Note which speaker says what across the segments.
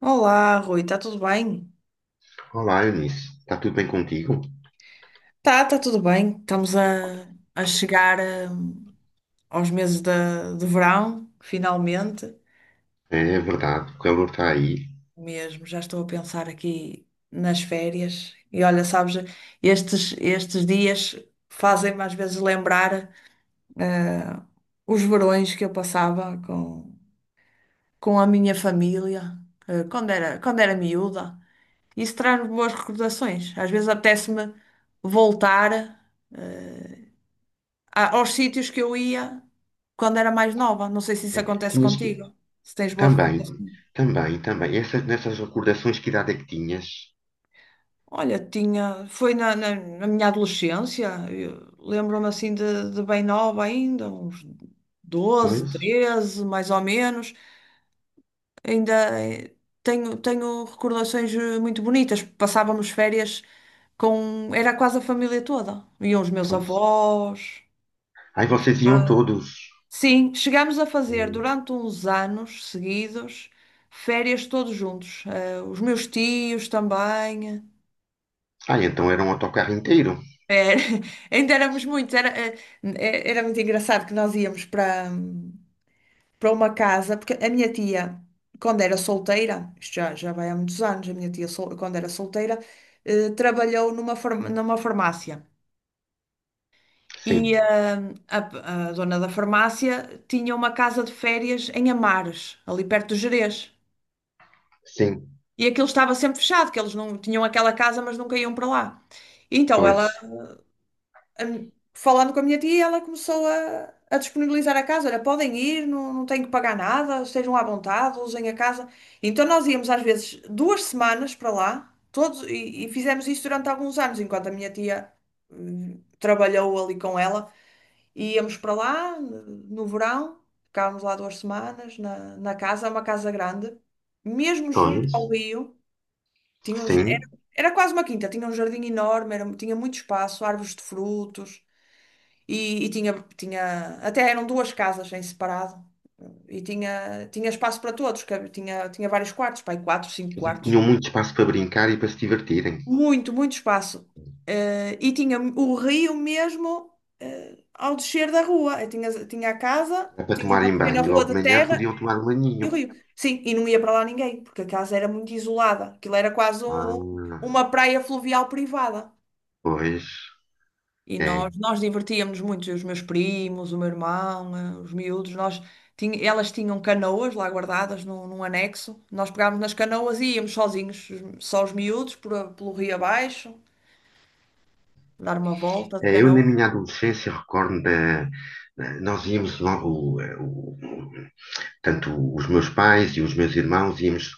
Speaker 1: Olá, Rui, está tudo bem?
Speaker 2: Olá, Eunice. Está tudo bem contigo?
Speaker 1: Tá, tá tudo bem. Estamos a chegar aos meses de verão, finalmente.
Speaker 2: É verdade, o calor está aí.
Speaker 1: Mesmo, já estou a pensar aqui nas férias. E olha, sabes, estes dias fazem-me às vezes lembrar hum, os verões que eu passava com a minha família, quando era miúda. Isso traz-me boas recordações. Às vezes apetece-me voltar. hum, aos sítios que eu ia quando era mais nova. Não sei se isso
Speaker 2: É,
Speaker 1: acontece
Speaker 2: tinhas que.
Speaker 1: contigo, se tens boas
Speaker 2: Também,
Speaker 1: recordações.
Speaker 2: também. Essas, nessas recordações, que idade é que tinhas?
Speaker 1: Olha, foi na minha adolescência, eu lembro-me assim de bem nova ainda, uns 12
Speaker 2: Pois,
Speaker 1: 13 mais ou menos. Ainda eh, tenho recordações muito bonitas. Passávamos férias era quase a família toda. Iam os meus
Speaker 2: pois.
Speaker 1: avós, os
Speaker 2: Ai,
Speaker 1: meus
Speaker 2: vocês iam
Speaker 1: pais.
Speaker 2: todos.
Speaker 1: Sim, chegámos a fazer
Speaker 2: Hum.
Speaker 1: durante uns anos seguidos férias todos juntos. Os meus tios também.
Speaker 2: Ah, então era um autocarro inteiro?
Speaker 1: Era- Ainda éramos muitos. Era muito engraçado que nós íamos para uma casa, porque a minha tia, quando era solteira, isto já, já vai há muitos anos, a minha tia, quando era solteira, trabalhou numa farmácia. E
Speaker 2: Sim,
Speaker 1: a, a dona da farmácia tinha uma casa de férias em Amares, ali perto do Gerês.
Speaker 2: sim,
Speaker 1: E aquilo estava sempre fechado, que eles não tinham aquela casa, mas nunca iam para lá. Então ela,
Speaker 2: pois,
Speaker 1: falando com a minha tia, ela começou a disponibilizar a casa. Olha, podem ir, não, não têm que pagar nada, estejam à vontade, usem a casa. Então nós íamos às vezes 2 semanas para lá, todos, e fizemos isso durante alguns anos, enquanto a minha tia, trabalhou ali com ela. E íamos para lá no verão, ficávamos lá 2 semanas na casa, é uma casa grande, mesmo junto ao
Speaker 2: pois,
Speaker 1: rio. Tinha um jar- era,
Speaker 2: sim.
Speaker 1: era quase uma quinta, tinha um jardim enorme, tinha muito espaço, árvores de frutos e tinha até eram duas casas em separado e tinha espaço para todos, que tinha vários quartos, pai, quatro, cinco
Speaker 2: Quer dizer, que
Speaker 1: quartos,
Speaker 2: tinham muito espaço para brincar e para se divertirem.
Speaker 1: muito, muito espaço. E tinha o rio mesmo, ao descer da rua, eu tinha a casa,
Speaker 2: Era para
Speaker 1: tinha uma
Speaker 2: tomarem
Speaker 1: pequena
Speaker 2: banho.
Speaker 1: rua
Speaker 2: Logo de
Speaker 1: de
Speaker 2: manhã
Speaker 1: terra
Speaker 2: podiam tomar um
Speaker 1: e
Speaker 2: banhinho.
Speaker 1: o rio. Sim, e não ia para lá ninguém, porque a casa era muito isolada, aquilo era quase
Speaker 2: Ah,
Speaker 1: uma praia fluvial privada.
Speaker 2: pois,
Speaker 1: E
Speaker 2: é.
Speaker 1: nós divertíamos-nos muito, eu e os meus primos, o meu irmão, os miúdos, elas tinham canoas lá guardadas num anexo. Nós pegámos nas canoas e íamos sozinhos, só os miúdos, pelo rio abaixo, dar uma volta de
Speaker 2: Eu, na
Speaker 1: canoa.
Speaker 2: minha adolescência, recordo da. Nós íamos logo, tanto os meus pais e os meus irmãos íamos.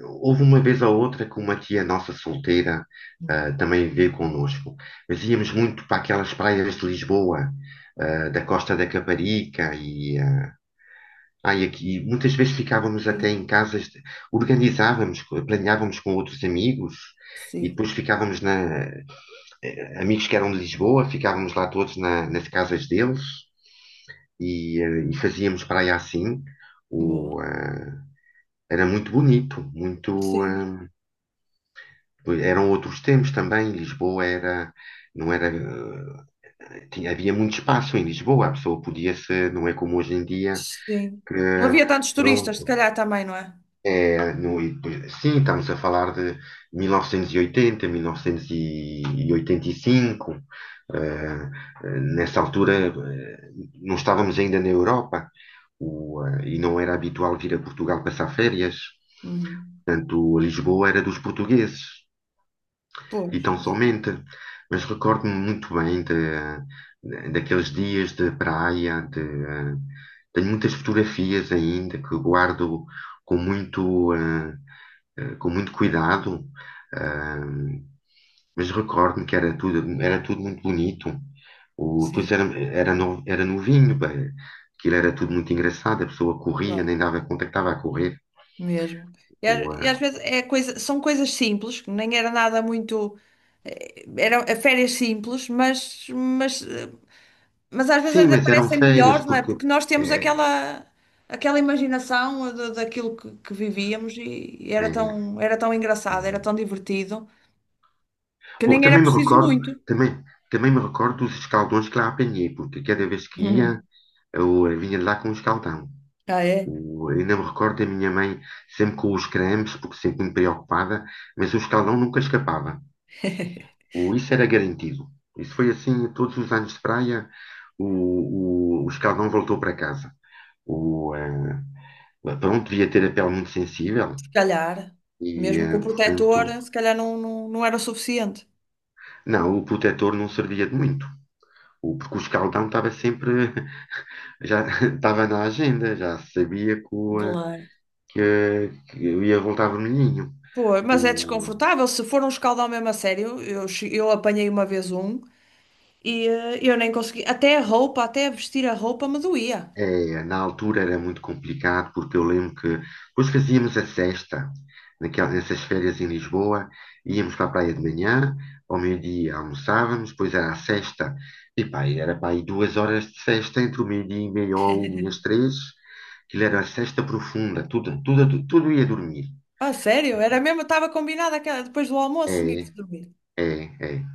Speaker 2: Houve uma vez ou outra que uma tia nossa solteira
Speaker 1: Uhum.
Speaker 2: também veio connosco, mas íamos muito para aquelas praias de Lisboa, da Costa da Caparica e, e aqui muitas vezes ficávamos até
Speaker 1: Sim,
Speaker 2: em casas, organizávamos, planeávamos com outros amigos e
Speaker 1: sim,
Speaker 2: depois ficávamos na amigos que eram de Lisboa, ficávamos lá todos nas casas deles. E e fazíamos praia assim.
Speaker 1: boa.
Speaker 2: O, eh, Era muito bonito, muito.
Speaker 1: Sim,
Speaker 2: Eram outros tempos também. Lisboa era, não era, tinha, havia muito espaço em Lisboa. A pessoa podia ser, não é como hoje em dia
Speaker 1: sim.
Speaker 2: que
Speaker 1: Não havia tantos turistas, se
Speaker 2: pronto,
Speaker 1: calhar também, não é?
Speaker 2: é, no, sim, estamos a falar de 1980, 1985. eh, Nessa altura, não estávamos ainda na Europa, e não era habitual vir a Portugal passar férias.
Speaker 1: Uhum.
Speaker 2: Portanto, Lisboa era dos portugueses e
Speaker 1: Pois,
Speaker 2: tão
Speaker 1: exatamente.
Speaker 2: somente. Mas recordo-me muito bem de, daqueles dias de praia, tenho muitas fotografias ainda que guardo com muito, com muito cuidado, eh, mas recordo-me que era tudo muito bonito. Pois
Speaker 1: Sim,
Speaker 2: era, era, era novinho, bem, aquilo era tudo muito engraçado, a pessoa corria,
Speaker 1: claro,
Speaker 2: nem dava conta que estava a correr.
Speaker 1: mesmo. E, a-
Speaker 2: O,
Speaker 1: e
Speaker 2: eh,
Speaker 1: às vezes são coisas simples, que nem era nada muito. Eram férias simples, mas, mas às vezes
Speaker 2: sim,
Speaker 1: ainda
Speaker 2: mas eram
Speaker 1: parecem
Speaker 2: férias,
Speaker 1: melhores, não é?
Speaker 2: porque.
Speaker 1: Porque nós temos
Speaker 2: eh,
Speaker 1: aquela imaginação daquilo que vivíamos e era tão engraçado, era
Speaker 2: eh,
Speaker 1: tão divertido, que
Speaker 2: Bom,
Speaker 1: nem era
Speaker 2: também me
Speaker 1: preciso
Speaker 2: recordo,
Speaker 1: muito.
Speaker 2: também, também me recordo dos escaldões que lá apanhei, porque cada vez que ia,
Speaker 1: Hum.
Speaker 2: eu vinha de lá com um escaldão.
Speaker 1: Ah, é?
Speaker 2: Ainda me recordo da minha mãe sempre com os cremes, porque sempre me preocupada, mas o escaldão nunca escapava. Isso era garantido. Isso foi assim, todos os anos de praia, o escaldão voltou para casa. O, eh, Pronto, devia ter a pele muito sensível
Speaker 1: Se calhar,
Speaker 2: e,
Speaker 1: mesmo com o protetor,
Speaker 2: portanto,
Speaker 1: se calhar não, não, não era o suficiente.
Speaker 2: não, o protetor não servia de muito. Porque o escaldão estava sempre já estava na agenda, já sabia que,
Speaker 1: Claro.
Speaker 2: que eu ia voltar a Vermelhinho.
Speaker 1: Pô, mas é
Speaker 2: O,
Speaker 1: desconfortável. Se for um escaldão mesmo a sério, eu apanhei uma vez um e eu nem consegui. Até vestir a roupa me doía.
Speaker 2: É, na altura era muito complicado, porque eu lembro que depois fazíamos a sexta, naquela, nessas férias em Lisboa, íamos para a praia de manhã, ao meio-dia almoçávamos, depois era a sexta, e pá, e era para aí duas horas de sexta, entre o meio-dia e meia ou uma e as três, aquilo era a sexta profunda, tudo, tudo, tudo ia dormir.
Speaker 1: Ah, sério? Era mesmo, estava combinado aquela, depois do almoço tinha
Speaker 2: É,
Speaker 1: que se dormir.
Speaker 2: é, é.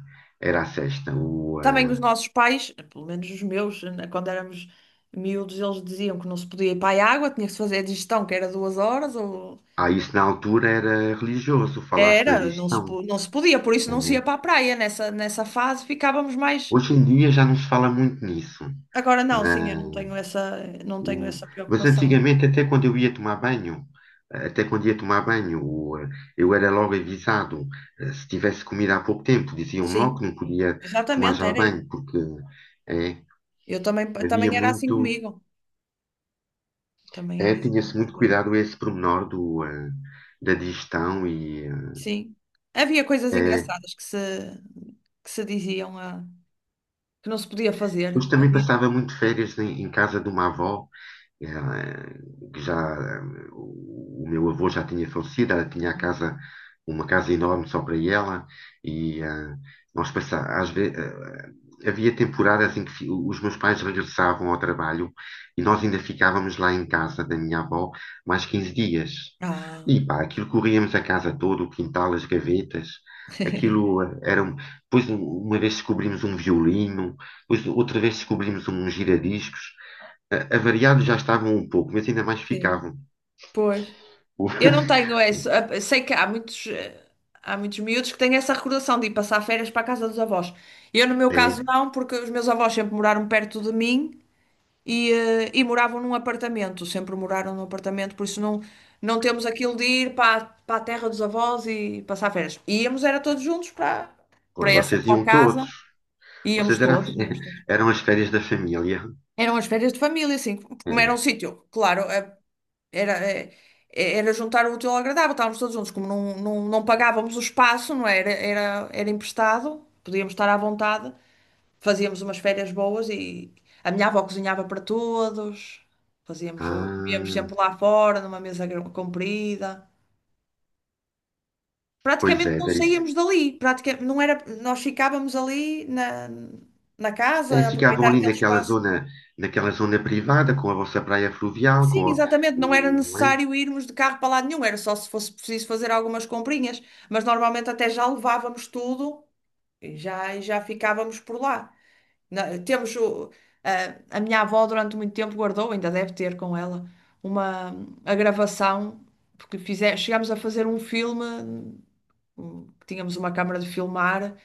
Speaker 2: Era a sexta.
Speaker 1: Também os nossos pais, pelo menos os meus, né, quando éramos miúdos, eles diziam que não se podia ir para a água, tinha que se fazer a digestão, que era 2 horas, ou...
Speaker 2: Ah, isso na altura era religioso falar-se na
Speaker 1: Era, não se,
Speaker 2: digestão.
Speaker 1: po- não se podia, por isso não se ia
Speaker 2: Né?
Speaker 1: para a praia. Nessa fase ficávamos mais...
Speaker 2: Hoje em dia já não se fala muito nisso.
Speaker 1: Agora não, sim, eu
Speaker 2: Na-
Speaker 1: não tenho essa, não tenho
Speaker 2: o-
Speaker 1: essa
Speaker 2: mas
Speaker 1: preocupação.
Speaker 2: antigamente, até quando eu ia tomar banho, até quando ia tomar banho, eu era logo avisado. Se tivesse comido há pouco tempo, diziam-me logo
Speaker 1: Sim,
Speaker 2: que não podia tomar
Speaker 1: exatamente,
Speaker 2: já
Speaker 1: era...
Speaker 2: banho, porque é,
Speaker 1: Eu também,
Speaker 2: havia
Speaker 1: também era assim
Speaker 2: muito,
Speaker 1: comigo. Também
Speaker 2: é,
Speaker 1: era
Speaker 2: tinha-se
Speaker 1: exatamente
Speaker 2: muito
Speaker 1: igual.
Speaker 2: cuidado a esse pormenor do, da digestão e
Speaker 1: Sim. Havia coisas
Speaker 2: é,
Speaker 1: engraçadas que se diziam que não se podia fazer.
Speaker 2: hoje também
Speaker 1: Havia.
Speaker 2: passava muito férias em, em casa de uma avó. eh, que já o meu avô já tinha falecido, ela tinha a casa, uma casa enorme só para ela, e nós havia temporadas em que os meus pais regressavam ao trabalho e nós ainda ficávamos lá em casa da minha avó mais 15 dias.
Speaker 1: Ah,
Speaker 2: E pá, aquilo corríamos a casa toda, o quintal, as gavetas, aquilo era. Depois, uma vez descobrimos um violino, depois outra vez descobrimos um giradiscos. Avariados já estavam um pouco, mas ainda mais
Speaker 1: sim.
Speaker 2: ficavam.
Speaker 1: Pois.
Speaker 2: O-
Speaker 1: Eu não tenho essa. Sei que há muitos miúdos que têm essa recordação de ir passar férias para a casa dos avós. Eu, no meu
Speaker 2: É,
Speaker 1: caso, não, porque os meus avós sempre moraram perto de mim. E moravam num apartamento, sempre moraram num apartamento, por isso não, não temos aquilo de ir para a terra dos avós e passar férias. Era todos juntos para,
Speaker 2: pô,
Speaker 1: para essa
Speaker 2: vocês
Speaker 1: tal
Speaker 2: iam todos.
Speaker 1: casa, íamos
Speaker 2: Vocês eram, a-
Speaker 1: todos, íamos todos.
Speaker 2: eram as férias da família.
Speaker 1: Eram as férias de família, assim, como era
Speaker 2: É.
Speaker 1: um sítio, claro, era, eh, era juntar o útil ao agradável, estávamos todos juntos, como não, não, não pagávamos o espaço, não é? Era emprestado, podíamos estar à vontade. Fazíamos umas férias boas e a minha avó cozinhava para todos. Comíamos
Speaker 2: Ah,
Speaker 1: sempre lá fora, numa mesa comprida.
Speaker 2: pois
Speaker 1: Praticamente
Speaker 2: é,
Speaker 1: não
Speaker 2: daí,
Speaker 1: saíamos dali. Praticamente, não era... Nós ficávamos ali na casa,
Speaker 2: daí
Speaker 1: a
Speaker 2: ficavam
Speaker 1: aproveitar
Speaker 2: ali
Speaker 1: aquele espaço.
Speaker 2: naquela zona privada, com a vossa praia fluvial,
Speaker 1: Sim,
Speaker 2: com a,
Speaker 1: exatamente. Não era
Speaker 2: não é?
Speaker 1: necessário irmos de carro para lado nenhum. Era só se fosse preciso fazer algumas comprinhas. Mas normalmente até já levávamos tudo e já ficávamos por lá. Na- temos o- a minha avó durante muito tempo guardou, ainda deve ter com ela, uma a gravação, porque chegámos a fazer um filme, tínhamos uma câmara de filmar,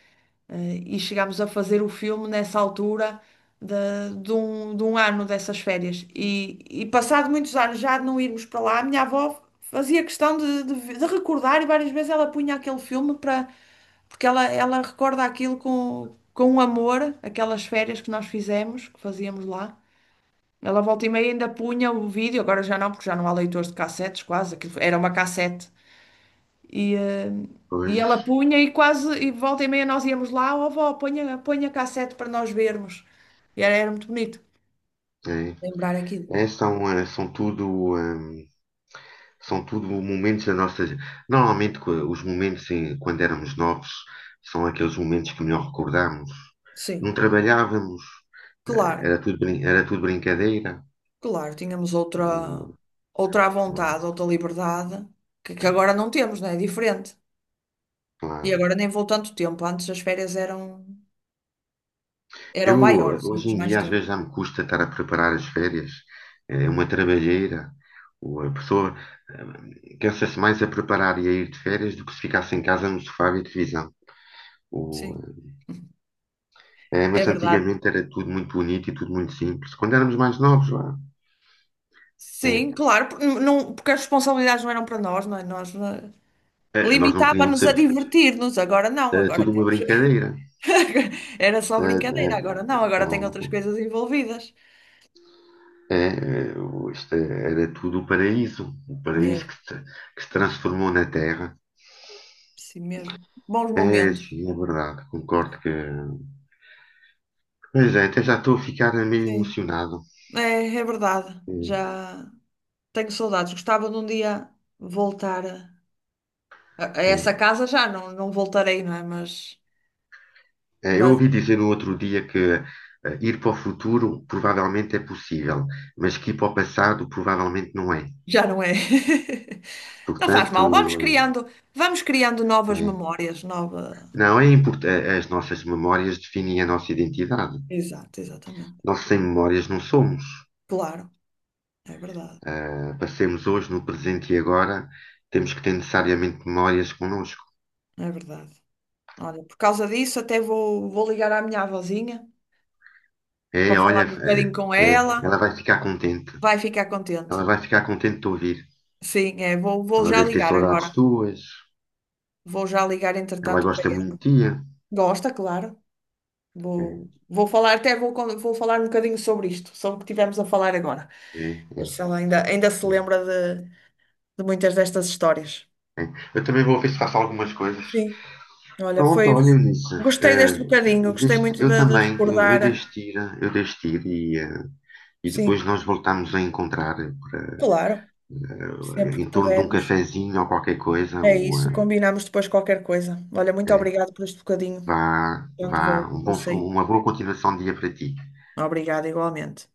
Speaker 1: e chegámos a fazer o filme nessa altura de, de um ano dessas férias. E passado muitos anos já de não irmos para lá, a minha avó fazia questão de recordar e várias vezes ela punha aquele filme para porque ela recorda aquilo com um amor, aquelas férias que nós fizemos, que fazíamos lá. Ela volta e meia ainda punha o vídeo, agora já não, porque já não há leitores de cassetes, quase, aquilo era uma cassete. E, eh, e
Speaker 2: Pois,
Speaker 1: ela punha e volta e meia nós íamos lá, ó avó, ponha, ponha a cassete para nós vermos. E era muito bonito
Speaker 2: é.
Speaker 1: lembrar aquilo.
Speaker 2: São, são tudo momentos da nossa. Normalmente, os momentos quando éramos novos são aqueles momentos que melhor recordamos. Não
Speaker 1: Sim,
Speaker 2: trabalhávamos.
Speaker 1: claro,
Speaker 2: Era tudo, era tudo brincadeira.
Speaker 1: claro, tínhamos outra,
Speaker 2: O-
Speaker 1: outra à
Speaker 2: não,
Speaker 1: vontade, outra liberdade, que agora
Speaker 2: é,
Speaker 1: não temos, não é? É diferente. E
Speaker 2: claro.
Speaker 1: agora nem vou tanto tempo. Antes as férias eram
Speaker 2: Eu,
Speaker 1: maiores,
Speaker 2: hoje
Speaker 1: tínhamos
Speaker 2: em
Speaker 1: mais
Speaker 2: dia, às
Speaker 1: tempo.
Speaker 2: vezes já me custa estar a preparar as férias. É uma trabalheira. A pessoa cansa-se mais a preparar e a ir de férias do que se ficasse em casa no sofá e televisão. O-
Speaker 1: Sim,
Speaker 2: É,
Speaker 1: é
Speaker 2: mas
Speaker 1: verdade.
Speaker 2: antigamente era tudo muito bonito e tudo muito simples. Quando éramos mais novos, vá, é,
Speaker 1: Sim, claro, não, porque as responsabilidades não eram para nós, não é? Nós
Speaker 2: nós não queríamos
Speaker 1: limitava-nos a
Speaker 2: saber.
Speaker 1: divertir-nos. Agora não,
Speaker 2: Era
Speaker 1: agora
Speaker 2: tudo uma
Speaker 1: temos.
Speaker 2: brincadeira.
Speaker 1: Era só
Speaker 2: Eh,
Speaker 1: brincadeira, agora
Speaker 2: eh,
Speaker 1: não, agora tem outras
Speaker 2: Pronto.
Speaker 1: coisas envolvidas.
Speaker 2: É, é, isto é, era tudo o paraíso
Speaker 1: Mesmo,
Speaker 2: que se transformou na Terra.
Speaker 1: sim mesmo. Bons
Speaker 2: É,
Speaker 1: momentos.
Speaker 2: sim, é verdade, concordo que. Pois é, até já estou a ficar meio
Speaker 1: Sim,
Speaker 2: emocionado.
Speaker 1: é, é verdade. Já tenho saudades. Gostava de um dia voltar a. A
Speaker 2: É, é.
Speaker 1: essa casa já não, não voltarei, não é? Mas,
Speaker 2: É, eu
Speaker 1: mas
Speaker 2: ouvi dizer no outro dia que ir para o futuro provavelmente é possível, mas que ir para o passado provavelmente não é.
Speaker 1: já não é. Não faz mal. Vamos
Speaker 2: Portanto, eh,
Speaker 1: criando, vamos criando novas
Speaker 2: é.
Speaker 1: memórias, nova.
Speaker 2: Não, é importante. As nossas memórias definem a nossa identidade.
Speaker 1: Exato, exatamente.
Speaker 2: Nós sem memórias não somos.
Speaker 1: Claro, é verdade,
Speaker 2: Passemos hoje no presente e agora, temos que ter necessariamente memórias connosco.
Speaker 1: é verdade. Olha, por causa disso até vou ligar à minha avózinha
Speaker 2: É,
Speaker 1: para falar
Speaker 2: olha,
Speaker 1: um
Speaker 2: é,
Speaker 1: bocadinho com
Speaker 2: é,
Speaker 1: ela.
Speaker 2: ela vai ficar contente.
Speaker 1: Vai ficar contente.
Speaker 2: Ela vai ficar contente de te ouvir.
Speaker 1: Sim, é, vou
Speaker 2: Ela
Speaker 1: já
Speaker 2: deve ter
Speaker 1: ligar
Speaker 2: saudades
Speaker 1: agora.
Speaker 2: tuas.
Speaker 1: Vou já ligar
Speaker 2: Ela
Speaker 1: entretanto para
Speaker 2: gosta muito
Speaker 1: ela.
Speaker 2: de ti.
Speaker 1: Gosta, claro.
Speaker 2: É,
Speaker 1: Vou falar, vou falar um bocadinho sobre isto, sobre o que tivemos a falar agora.
Speaker 2: é, é,
Speaker 1: Ver se ela ainda se
Speaker 2: é,
Speaker 1: lembra de, de muitas destas histórias.
Speaker 2: é. Eu também vou ver se faço algumas coisas.
Speaker 1: Sim, olha,
Speaker 2: Pronto,
Speaker 1: foi.
Speaker 2: olha, Eunice,
Speaker 1: Gostei
Speaker 2: eh,
Speaker 1: deste bocadinho, gostei
Speaker 2: deixo-
Speaker 1: muito
Speaker 2: eu
Speaker 1: de
Speaker 2: também,
Speaker 1: recordar.
Speaker 2: eu deixo-te ir e, e depois
Speaker 1: Sim,
Speaker 2: nós voltamos a encontrar para,
Speaker 1: claro, sempre que
Speaker 2: em torno de um
Speaker 1: pudermos.
Speaker 2: cafezinho ou qualquer coisa,
Speaker 1: É
Speaker 2: ou,
Speaker 1: isso, combinamos depois qualquer coisa. Olha, muito
Speaker 2: eh,
Speaker 1: obrigada por este bocadinho.
Speaker 2: vá,
Speaker 1: Portanto,
Speaker 2: vá.
Speaker 1: vou, vou sair.
Speaker 2: Uma boa continuação de dia para ti.
Speaker 1: Obrigada igualmente.